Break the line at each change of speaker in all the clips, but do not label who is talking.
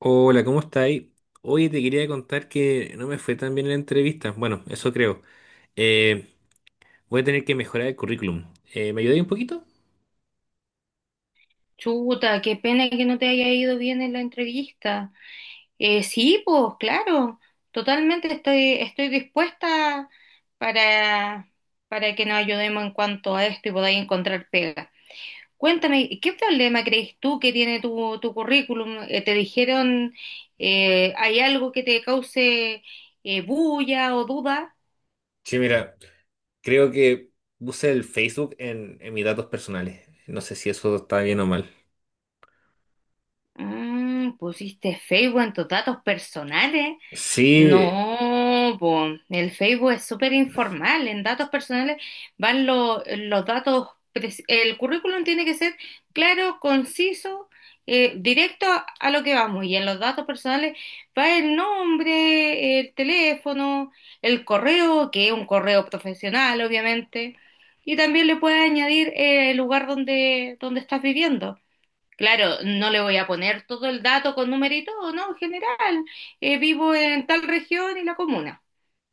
Hola, ¿cómo estáis? Oye, te quería contar que no me fue tan bien en la entrevista. Bueno, eso creo. Eh, Voy a tener que mejorar el currículum. ¿Me ayudáis un poquito?
Chuta, qué pena que no te haya ido bien en la entrevista. Sí, pues claro, totalmente estoy dispuesta para, para que nos ayudemos en cuanto a esto y podáis encontrar pega. Cuéntame, ¿qué problema crees tú que tiene tu currículum? ¿Te dijeron, hay algo que te cause bulla o duda?
Sí, mira, creo que puse el Facebook en mis datos personales. No sé si eso está bien o mal.
Pusiste Facebook en tus datos personales.
Sí,
No, po, el Facebook es súper informal. En datos personales van los datos. El currículum tiene que ser claro, conciso, directo a lo que vamos. Y en los datos personales va el nombre, el teléfono, el correo, que es un correo profesional, obviamente. Y también le puedes añadir el lugar donde estás viviendo. Claro, no le voy a poner todo el dato con número y todo, ¿no? En general, vivo en tal región y la comuna.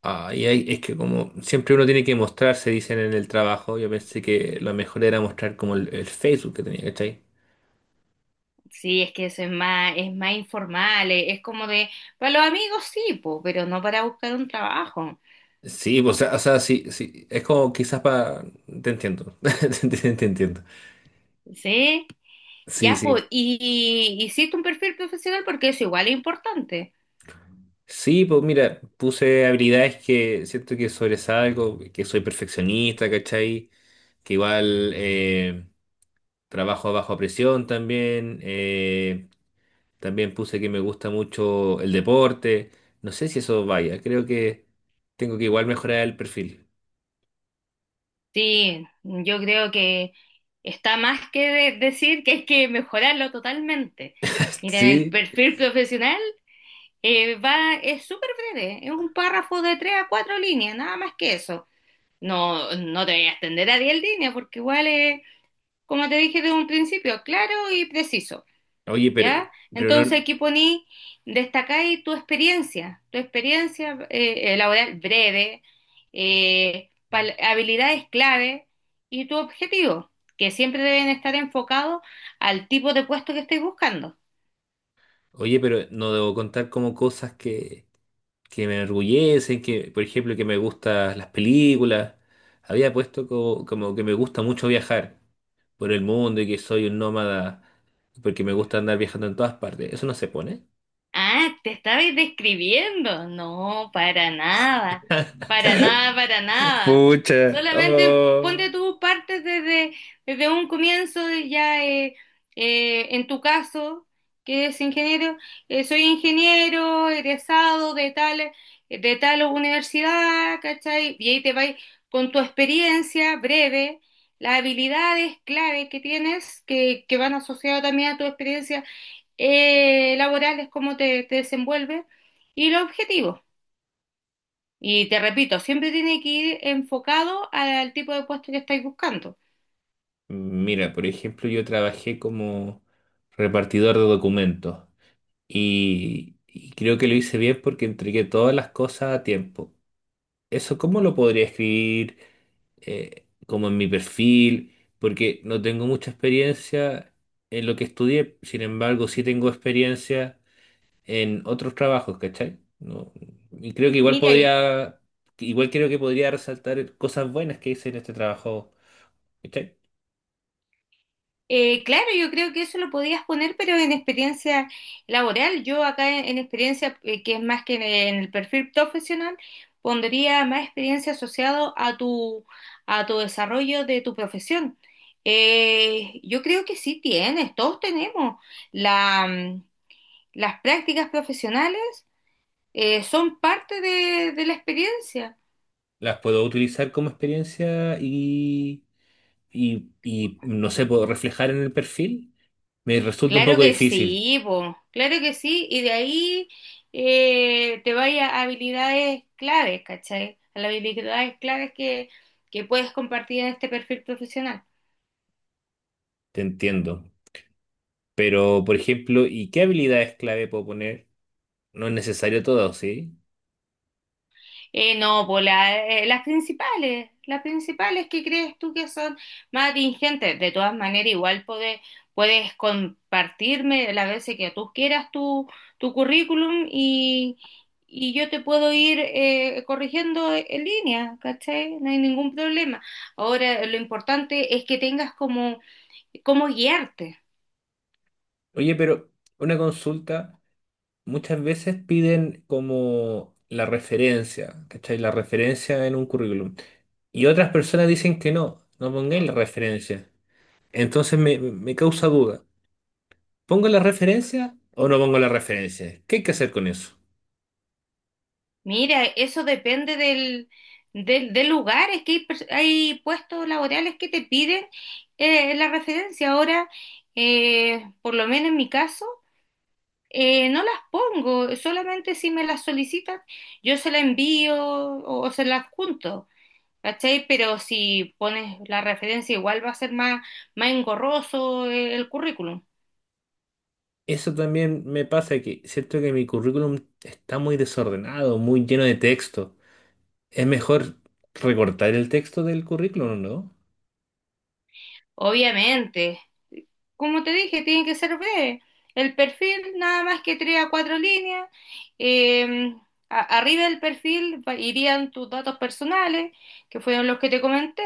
ay, ay, es que como siempre uno tiene que mostrarse, dicen en el trabajo. Yo pensé que lo mejor era mostrar como el Facebook que tenía, ¿cachai?
Sí, es que eso es más informal, es como de, para los amigos sí, po, pero no para buscar un trabajo.
Sí, pues, o sea, sí, sí. Es como quizás para... Te entiendo. Te entiendo.
Sí,
Sí,
ya, pues,
sí.
y hiciste un perfil profesional porque eso igual es importante.
Sí, pues mira, puse habilidades que siento que sobresalgo, que soy perfeccionista, ¿cachai? Que igual trabajo a baja presión también. También puse que me gusta mucho el deporte. No sé si eso vaya, creo que tengo que igual mejorar el perfil.
Sí, yo creo que está más que decir que hay que mejorarlo totalmente. Miren, el
Sí,
perfil profesional, va, es súper breve, es un párrafo de tres a cuatro líneas, nada más que eso. No, no te voy a extender a 10 líneas porque igual es, como te dije desde un principio, claro y preciso,
oye,
¿ya?
pero
Entonces
no,
aquí poní, destacáis tu experiencia laboral breve, habilidades clave y tu objetivo, que siempre deben estar enfocados al tipo de puesto que estés buscando.
oye, pero no debo contar como cosas que me enorgullecen, que, por ejemplo, que me gustan las películas. Había puesto como, que me gusta mucho viajar por el mundo y que soy un nómada porque me gusta andar viajando en todas partes. Eso no se pone.
Ah, te estabas describiendo. No, para nada. Para nada, para nada.
Pucha.
Solamente
Oh.
ponte tú partes desde un comienzo y ya en tu caso, que es ingeniero, soy ingeniero, egresado de tal universidad, ¿cachai? Y ahí te vas con tu experiencia breve, las habilidades clave que tienes, que van asociadas también a tu experiencia laborales, cómo te desenvuelves y los objetivos. Y te repito, siempre tiene que ir enfocado al tipo de puesto que estáis buscando.
Mira, por ejemplo, yo trabajé como repartidor de documentos y creo que lo hice bien porque entregué todas las cosas a tiempo. Eso, ¿cómo lo podría escribir como en mi perfil? Porque no tengo mucha experiencia en lo que estudié, sin embargo, sí tengo experiencia en otros trabajos, ¿cachai? No, y creo que igual
Mira,
podría, igual creo que podría resaltar cosas buenas que hice en este trabajo, ¿cachai?
claro, yo creo que eso lo podías poner, pero en experiencia laboral. Yo acá en experiencia, que es más que en el perfil profesional, pondría más experiencia asociado a tu desarrollo de tu profesión. Yo creo que sí tienes, todos tenemos. la mm, Las prácticas profesionales son parte de la experiencia.
Las puedo utilizar como experiencia y no sé, puedo reflejar en el perfil. Me resulta un
Claro
poco
que
difícil,
sí, po, claro que sí, y de ahí te vaya a habilidades claves, ¿cachai? A las habilidades claves que puedes compartir en este perfil profesional.
te entiendo. Pero, por ejemplo, ¿y qué habilidades clave puedo poner? No es necesario todo, ¿sí?
No, pues las principales que crees tú que son más atingentes. De todas maneras, igual puedes compartirme las veces que tú quieras tu currículum y yo te puedo ir corrigiendo en línea, ¿cachai? No hay ningún problema. Ahora, lo importante es que tengas como guiarte.
Oye, pero una consulta, muchas veces piden como la referencia, ¿cachai? La referencia en un currículum. Y otras personas dicen que no, no pongáis la referencia. Entonces me causa duda. ¿Pongo la referencia o no pongo la referencia? ¿Qué hay que hacer con eso?
Mira, eso depende del lugar, es que hay puestos laborales que te piden la referencia. Ahora, por lo menos en mi caso, no las pongo, solamente si me las solicitan, yo se la envío o se la adjunto, ¿cachai? Pero si pones la referencia, igual va a ser más engorroso el currículum.
Eso también me pasa que siento que mi currículum está muy desordenado, muy lleno de texto. Es mejor recortar el texto del currículum, ¿no?
Obviamente, como te dije, tiene que ser breve. El perfil, nada más que tres a cuatro líneas. Eh, Arriba del perfil irían tus datos personales, que fueron los que te comenté.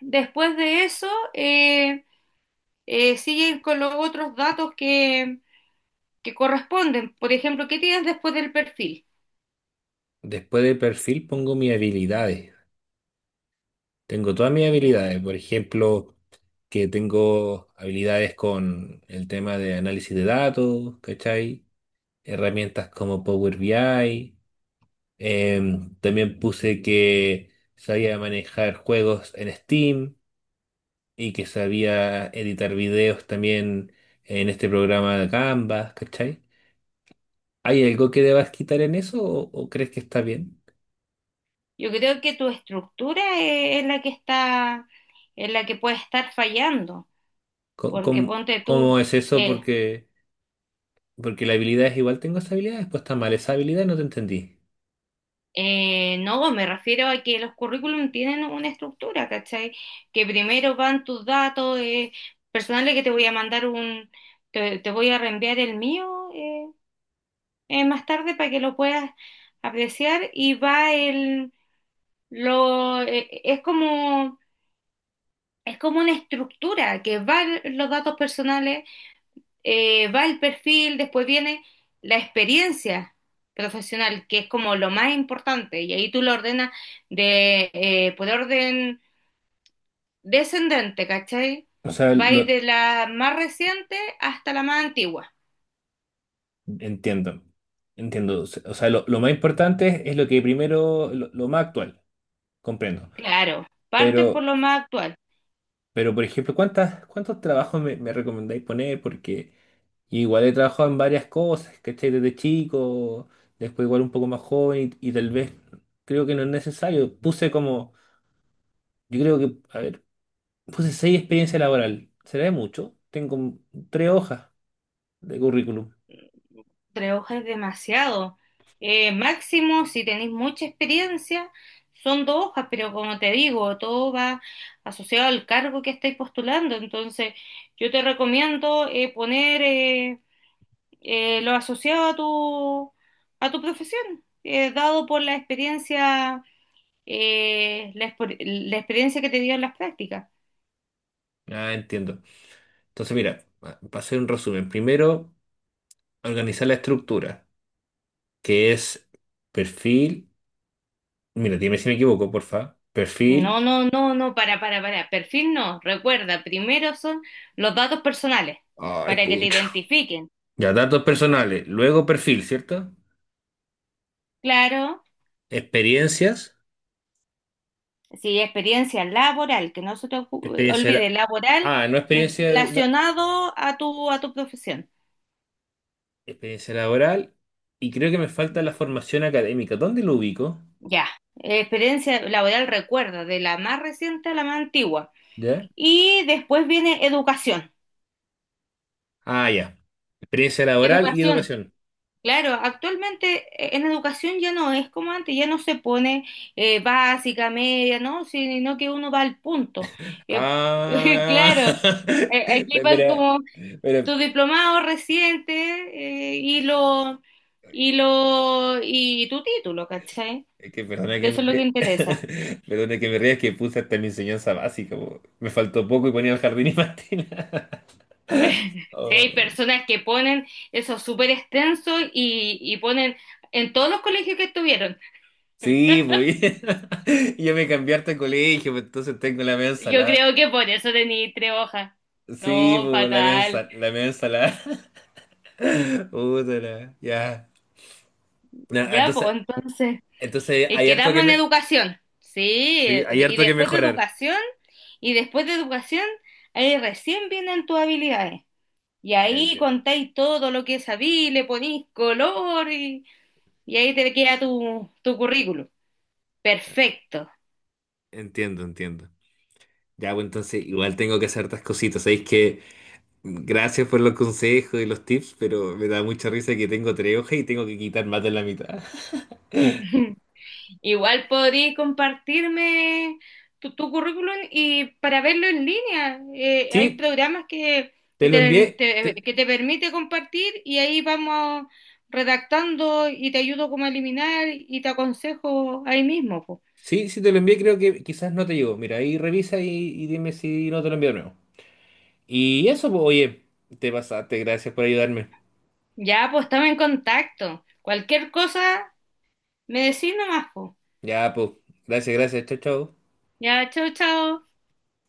Después de eso, siguen con los otros datos que corresponden. Por ejemplo, ¿qué tienes después del perfil?
Después de perfil pongo mis habilidades. Tengo todas mis
Ya.
habilidades. Por ejemplo, que tengo habilidades con el tema de análisis de datos, ¿cachai? Herramientas como Power BI. También puse que sabía manejar juegos en Steam y que sabía editar videos también en este programa de Canva, ¿cachai? ¿Hay algo que debas quitar en eso, o crees que está bien?
Yo creo que tu estructura es la que está, es la que puede estar fallando, porque
¿Cómo,
ponte tú.
cómo es eso?
eh,
Porque, porque la habilidad es igual, tengo esa habilidad, después está mal esa habilidad, no te entendí.
no, me refiero a que los currículum tienen una estructura, ¿cachai? Que primero van tus datos personales, que te voy a mandar te voy a reenviar el mío más tarde para que lo puedas apreciar, y va el, lo, es como una estructura que va los datos personales, va el perfil, después viene la experiencia profesional, que es como lo más importante, y ahí tú lo ordenas por orden descendente, ¿cachai?
O sea,
Va a ir
lo
de la más reciente hasta la más antigua.
entiendo. Entiendo. O sea, lo más importante es lo que primero, lo más actual, comprendo.
Claro, partes por
Pero,
lo más actual.
pero por ejemplo, ¿cuántos trabajos me recomendáis poner? Porque igual he trabajado en varias cosas, ¿cachai? Desde chico, después igual un poco más joven y tal vez creo que no es necesario. Puse como, yo creo que, a ver, puse seis experiencia laboral. ¿Será de mucho? Tengo tres hojas de currículum.
Tres hojas es demasiado. Máximo, si tenéis mucha experiencia, son dos hojas, pero como te digo, todo va asociado al cargo que estáis postulando. Entonces, yo te recomiendo poner lo asociado a tu profesión, dado por la experiencia, la experiencia que te dio en las prácticas.
Ah, entiendo. Entonces, mira, para hacer un resumen, primero, organizar la estructura, que es perfil, mira, dime si me equivoco, porfa,
No,
perfil,
no, no, no, para, para. Perfil no. Recuerda, primero son los datos personales
ay,
para que te
pucha,
identifiquen.
ya datos personales, luego perfil, ¿cierto?
Claro,
Experiencias,
sí, experiencia laboral, que no se te
experiencia,
olvide,
la-
laboral
ah, no experiencia,
relacionado a tu profesión.
experiencia laboral, y creo que me falta la formación académica, ¿dónde lo ubico?
Ya, experiencia laboral, recuerda, de la más reciente a la más antigua.
Ya.
Y después viene educación.
Ah, ya. Experiencia laboral y
Educación,
educación.
claro, actualmente en educación ya no es como antes, ya no se pone básica, media, ¿no? Sino que uno va al punto. Eh,
Ah,
claro, aquí van
mira,
como
mira,
tu diplomado reciente eh, y lo y tu título, ¿cachai?
es que perdona
Que
que me
eso es lo
ría,
que interesa.
perdona que me ría, es que puse hasta mi enseñanza básica, po. Me faltó poco y ponía el jardín y Martina.
Si hay
Oh,
personas que ponen eso súper extenso y ponen en todos los colegios que estuvieron.
sí, pues. Y yo me cambié hasta colegio, pues, entonces tengo la media
Yo
ensalada.
creo que por eso tení tres hojas.
Sí,
No,
pues,
fatal.
la media ensalada. Puta la- ya. Na,
Ya,
entonces,
pues entonces,
entonces hay harto
quedamos
que
en
me...
educación. Sí,
Sí, hay
y
harto que
después de
mejorar.
educación, y después de educación, ahí recién vienen tus habilidades. Y ahí contáis todo lo que sabí, le ponéis color y ahí te queda tu currículum. Perfecto.
Entiendo, entiendo. Ya, bueno, entonces igual tengo que hacer hartas cositas. Sabéis que gracias por los consejos y los tips, pero me da mucha risa que tengo tres hojas y tengo que quitar más de la mitad.
Igual podríais compartirme tu currículum y para verlo en línea. Hay
Sí,
programas que,
te
que
lo envié.
que te permite compartir y ahí vamos redactando y te ayudo como a eliminar y te aconsejo ahí mismo, po.
Sí, sí, te lo envié, creo que quizás no te llegó. Mira, ahí revisa y dime si no te lo envío de nuevo. Y eso, pues, oye, te pasaste, gracias por ayudarme.
Ya, pues estamos en contacto. Cualquier cosa, me decís nomás, po.
Ya, pues, gracias, gracias, chao, chao.
Ya, chao, chao.